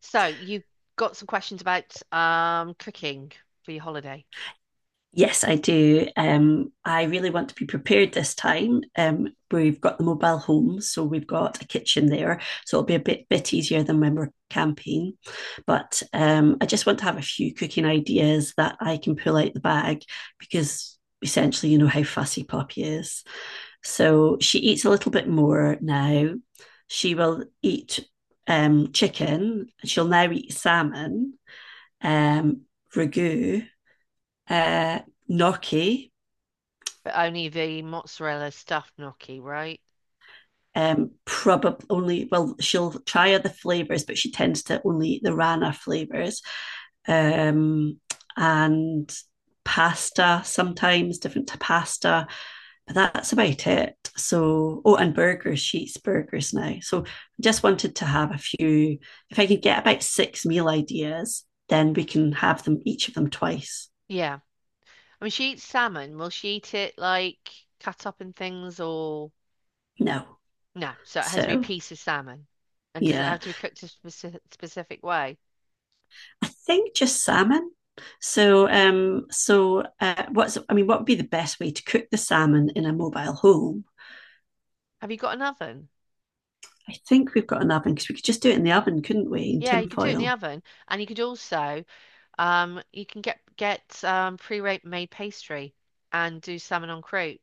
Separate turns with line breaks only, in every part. So you got some questions about cooking for your holiday.
Yes, I do. I really want to be prepared this time. We've got the mobile home, so we've got a kitchen there, so it'll be a bit easier than when we're camping. But I just want to have a few cooking ideas that I can pull out the bag because essentially, you know how fussy Poppy is. So she eats a little bit more now. She will eat chicken. She'll now eat salmon, um, ragu, uh, gnocchi.
But only the mozzarella stuffed gnocchi, right?
Probably only well, she'll try other flavors, but she tends to only eat the rana flavors. Um, and pasta sometimes, different to pasta, but that's about it. So, oh, and burgers, she eats burgers now. So, I just wanted to have a few. If I could get about six meal ideas, then we can have them each of them twice.
Yeah, I mean, she eats salmon. Will she eat it like cut up in things or
No,
no? So it has to be a
so
piece of salmon. And does it
yeah.
have to be cooked a specific way?
I think just salmon. What would be the best way to cook the salmon in a mobile home?
Have you got an oven?
I think we've got an oven because we could just do it in the oven, couldn't we? In
Yeah, you
tin
could do it in the
foil.
oven, and you could also you can get pre-made pastry and do salmon on croûte.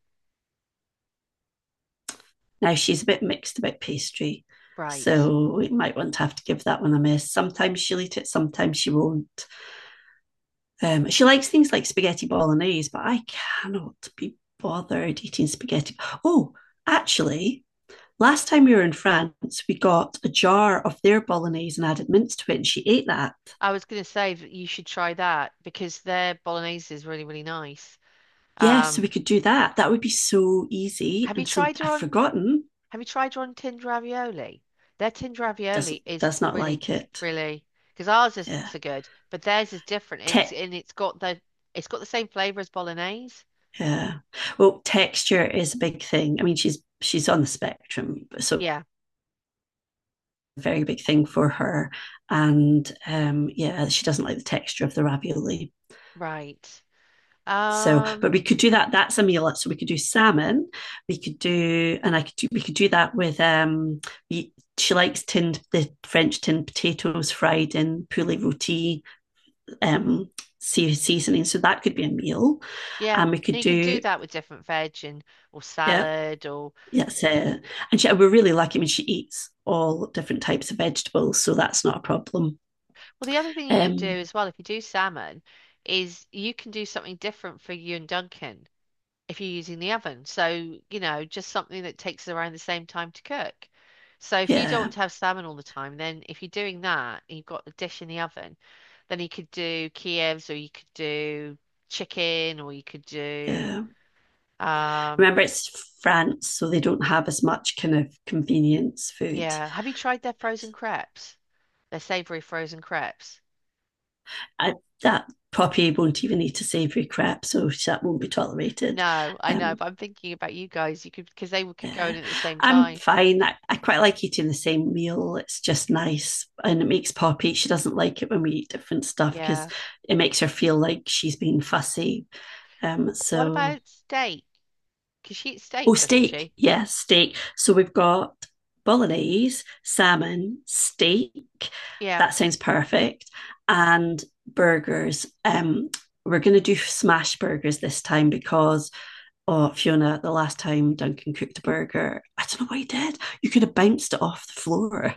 Now she's a bit mixed about pastry,
Right.
so we might want to have to give that one a miss. Sometimes she'll eat it, sometimes she won't. She likes things like spaghetti bolognese, but I cannot be bothered eating spaghetti. Oh, actually, last time we were in France, we got a jar of their bolognese and added mince to it, and she ate that.
I was going to say that you should try that because their bolognese is really, really nice.
Yes, so
Um,
we could do that. That would be so easy.
have you
And so
tried her
I've
on?
forgotten.
Have you tried her on tinned ravioli? Their tinned
Does
ravioli is
does not
really,
like it.
really, because ours isn't
Yeah.
so good, but theirs is different. It's,
Tech.
and it's got the, it's got the same flavor as bolognese.
Yeah. Well, texture is a big thing. I mean, she's on the spectrum, so
Yeah,
very big thing for her. And yeah, she doesn't like the texture of the ravioli.
right.
So, but
Um,
we could do that. That's a meal. So we could do salmon. We could do, and I could do, we could do that with, we, she likes tinned, the French tinned potatoes fried in poulet roti, um, seasoning. So that could be a meal.
yeah,
And we could
and you can do
do,
that with different veg and or
yeah,
salad, or
yes. And she, we're really lucky. I mean, she eats all different types of vegetables. So that's not a problem.
well, the other thing you could do
Um,
as well if you do salmon is you can do something different for you and Duncan, if you're using the oven. So, you know, just something that takes around the same time to cook. So if you don't
yeah.
want to have salmon all the time, then if you're doing that and you've got the dish in the oven, then you could do Kievs, or you could do chicken, or you could do
Yeah.
um,
Remember, it's France, so they don't have as much kind of convenience food.
yeah. Have you tried their frozen crepes? Their savory frozen crepes?
I, that puppy won't even eat a savoury crap, so that won't be tolerated.
No, I know,
Um,
but I'm thinking about you guys. You could, because they could go in
yeah.
at the same
I'm
time.
fine. I quite like eating the same meal. It's just nice and it makes Poppy. She doesn't like it when we eat different stuff because
Yeah.
it makes her feel like she's being fussy. Um,
What
so
about steak? Because she eats
Oh,
steak, doesn't
steak.
she?
Yeah, steak. So we've got bolognese, salmon, steak.
Yeah,
That sounds perfect. And burgers. We're going to do smash burgers this time because, oh, Fiona, the last time Duncan cooked a burger, I don't know what he did. You could have bounced it off the floor.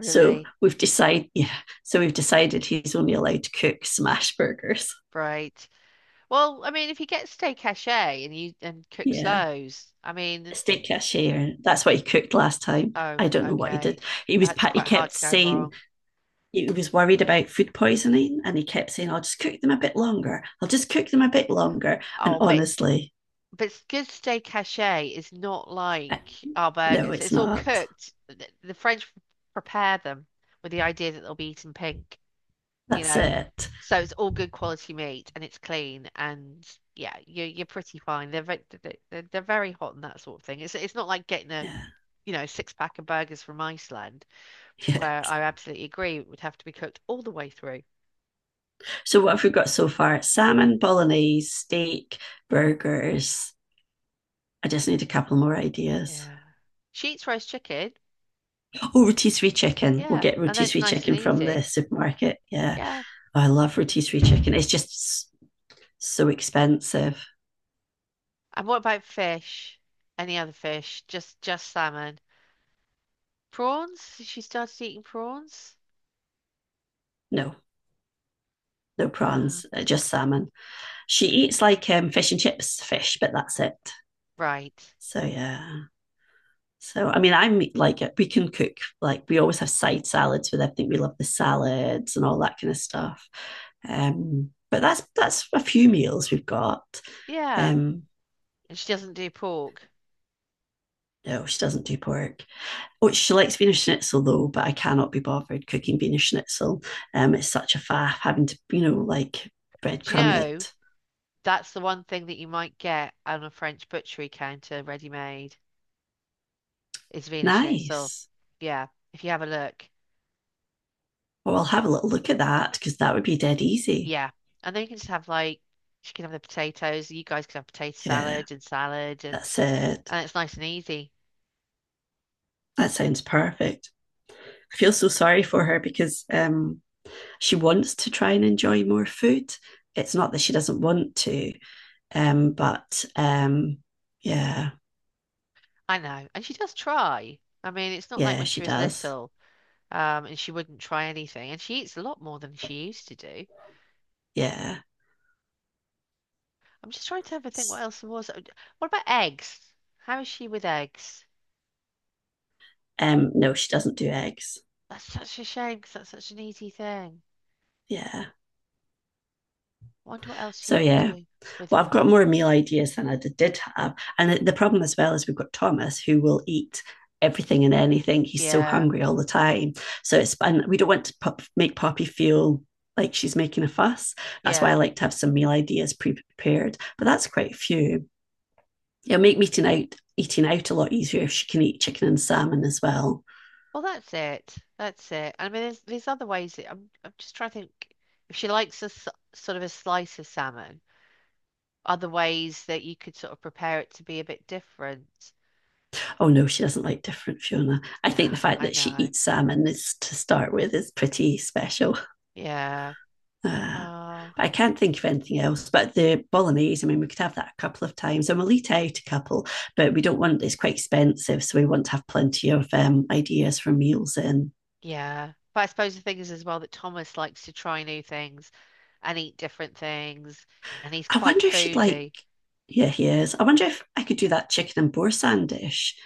So we've decided, yeah. So we've decided he's only allowed to cook smash burgers.
Right. Well, I mean, if he gets steak haché and you and cooks
Yeah.
those, I mean,
Steak cashier. That's what he cooked last time.
oh,
I don't know what he did.
okay, that's
He
quite hard
kept
to go
saying
wrong.
he was worried about food poisoning, and he kept saying, "I'll just cook them a bit longer. I'll just cook them a bit longer." And
Oh,
honestly,
but s- good steak haché is not
eh,
like our
no,
burgers.
it's
It's all
not.
cooked. The French prepare them with the idea that they'll be eaten pink, you
That's
know.
it.
So it's all good quality meat and it's clean, and yeah, you're pretty fine. They're very, they're very hot and that sort of thing. It's not like getting a,
Yeah.
you know, six pack of burgers from Iceland.
Yeah.
Where I absolutely agree, it would have to be cooked all the way through.
So what have we got so far? Salmon, bolognese, steak, burgers. I just need a couple more ideas.
Yeah. Sheets roast chicken.
Oh, rotisserie chicken. We'll
Yeah,
get
and that's
rotisserie
nice and
chicken from the
easy.
supermarket. Yeah.
Yeah.
Oh, I love rotisserie chicken. It's just so expensive.
And what about fish? Any other fish? Just salmon. Prawns? She started eating prawns?
No, no
Um,
prawns, just salmon. She eats like fish and chips fish, but that's it.
right.
So yeah. So I mean, I'm like we can cook like we always have side salads with everything. We love the salads and all that kind of stuff. But that's a few meals we've got.
Yeah.
Um,
And she doesn't do pork.
no, she doesn't do pork. Oh, she likes Wiener Schnitzel though, but I cannot be bothered cooking Wiener Schnitzel. It's such a faff having to, like
Do you
breadcrumb
know,
it.
that's the one thing that you might get on a French butchery counter ready made is Vena Schnitzel.
Nice.
Yeah, if you have a look.
Well, I'll have a little look at that because that would be dead easy.
Yeah. And then you can just have like, she can have the potatoes, you guys can have potato
Yeah,
salad and salad,
that's it.
and it's nice and easy.
That sounds perfect. I feel so sorry for her because she wants to try and enjoy more food. It's not that she doesn't want to, but yeah,
I know. And she does try. I mean, it's not like
yeah,
when
she
she was
does.
little, and she wouldn't try anything. And she eats a lot more than she used to do.
Yeah.
I'm just trying to have a think what else there was. What about eggs? How is she with eggs?
No, she doesn't do eggs.
That's such a shame because that's such an easy thing.
Yeah.
I wonder what else you
So
could
yeah,
do with
well, I've
a,
got more meal ideas than I did, have. And the- problem as well is we've got Thomas who will eat everything and anything. He's so
yeah,
hungry all the time. So it's, and we don't want to pop, make Poppy feel like she's making a fuss. That's why I
yeah.
like to have some meal ideas pre-prepared, but that's quite a few. It'll make eating out a lot easier if she can eat chicken and salmon as well.
Well, that's it. That's it. I mean, there's other ways. That- I'm just trying to think if she likes a s- sort of a slice of salmon, other ways that you could sort of prepare it to be a bit different.
Oh no, she doesn't like different Fiona. I
No,
think the fact
I
that she
know.
eats salmon is to start with is pretty special.
Yeah.
Uh,
Oh,
but I can't think of anything else. But the bolognese, I mean, we could have that a couple of times and we'll eat out a couple, but we don't want it's quite expensive. So we want to have plenty of ideas for meals in.
yeah. But I suppose the thing is as well that Thomas likes to try new things and eat different things, and he's
I
quite
wonder if she'd like,
foodie.
yeah, he is. I wonder if I could do that chicken and boursin dish.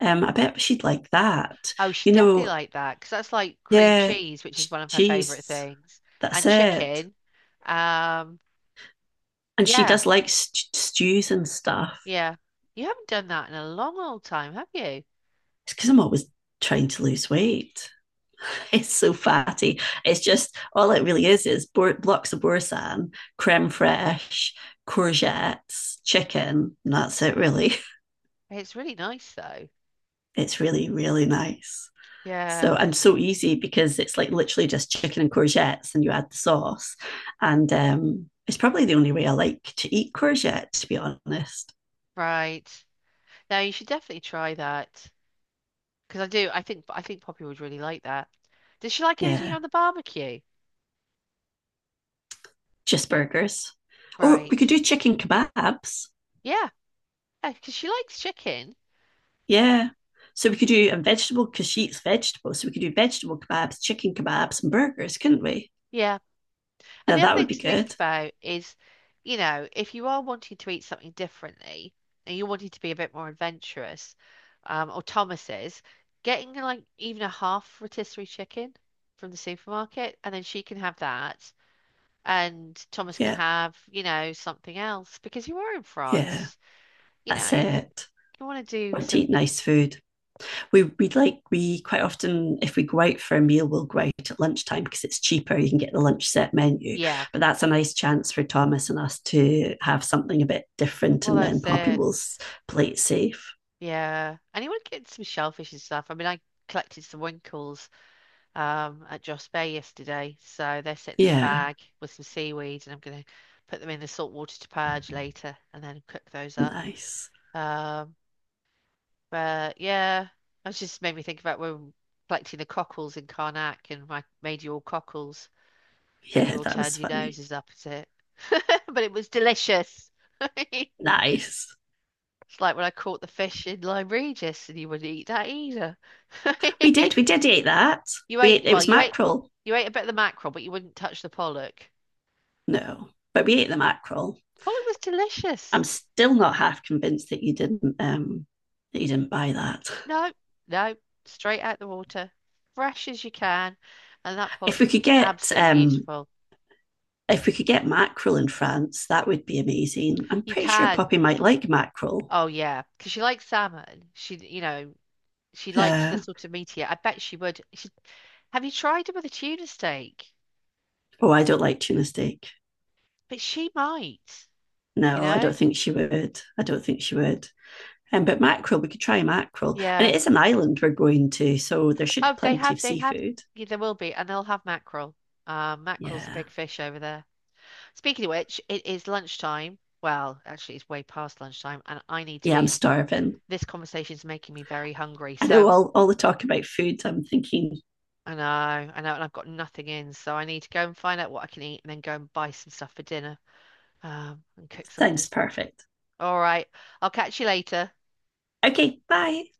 I bet she'd like that.
Oh, she
You
definitely
know,
liked that because that's like cream
yeah,
cheese, which is
ch-
one of her favorite
cheese,
things, and
that's it.
chicken. Um,
And she
yeah.
does like st- stews and stuff.
Yeah. You haven't done that in a long old time, have you?
It's because I'm always trying to lose weight. It's so fatty. It's just all it really is bor- blocks of boursin, creme fraiche, courgettes, chicken. And that's it, really.
It's really nice though.
It's really, really nice. So
Yeah.
and so easy because it's like literally just chicken and courgettes, and you add the sauce. And it's probably the only way I like to eat courgette, to be honest.
Right. Now you should definitely try that, because I do. I think Poppy would really like that. Does she like anything
Yeah,
on the barbecue?
just burgers. Or we
Right.
could do chicken kebabs.
Yeah, because she likes chicken.
Yeah. So we could do a vegetable because she eats vegetables. So we could do vegetable kebabs, chicken kebabs, and burgers, couldn't we?
Yeah. And
Yeah,
the other
that would
thing
be
to think
good.
about is, you know, if you are wanting to eat something differently and you're wanting to be a bit more adventurous, or Thomas's, getting like even a half rotisserie chicken from the supermarket, and then she can have that, and Thomas can
Yeah,
have, you know, something else because you are in
yeah,
France, you know,
that's
you
it.
want to do
Want to eat
some,
nice food. We quite often if we go out for a meal, we'll go out at lunchtime because it's cheaper. You can get the lunch set menu.
yeah,
But that's a nice chance for Thomas and us to have something a bit different
well,
and then
that's
Poppy
it,
will s- play it safe.
yeah, and you want to get some shellfish and stuff. I mean, I collected some winkles at Joss Bay yesterday. So they're sitting in a
Yeah,
bag with some seaweed, and I'm going to put them in the salt water to purge later and then cook those up.
nice.
Um, but yeah, it just made me think about when collecting the cockles in Karnak and I made you all cockles and
Yeah,
you all
that
turned
was
your
funny.
noses up at it. But it was delicious. It's
Nice.
like when I caught the fish in Lyme Regis and you wouldn't eat that either.
We did. We did eat that.
You
We
ate,
ate, it
well,
was mackerel.
you ate a bit of the mackerel, but you wouldn't touch the pollock.
No, but we ate the mackerel.
Pollock was delicious.
I'm still not half convinced that you didn't buy that.
No, no, straight out the water, fresh as you can. And that
If
pollock
we
was
could get
absolutely
um,
beautiful.
if we could get mackerel in France, that would be amazing. I'm
You
pretty sure
can.
Poppy might like mackerel.
Oh yeah, because she likes salmon. She, you know, she likes the
Yeah.
sort of meatier. I bet she would. She, have you tried it with a tuna steak?
Oh, I don't like tuna steak.
But she might, you
No,
know.
I don't think she would. But mackerel, we could try mackerel, and
Yeah.
it is an island we're going to, so there should be
Oh, they
plenty
have.
of
They have.
seafood.
Yeah, there will be, and they'll have mackerel. Mackerel's a
Yeah,
big fish over there. Speaking of which, it is lunchtime. Well, actually, it's way past lunchtime, and I need to
yeah, I'm
eat.
starving.
This conversation is making me very hungry.
I know
So
all the talk about food. I'm thinking,
I know, and I've got nothing in, so I need to go and find out what I can eat and then go and buy some stuff for dinner, and cook
sounds
something.
perfect.
All right, I'll catch you later.
Okay, bye.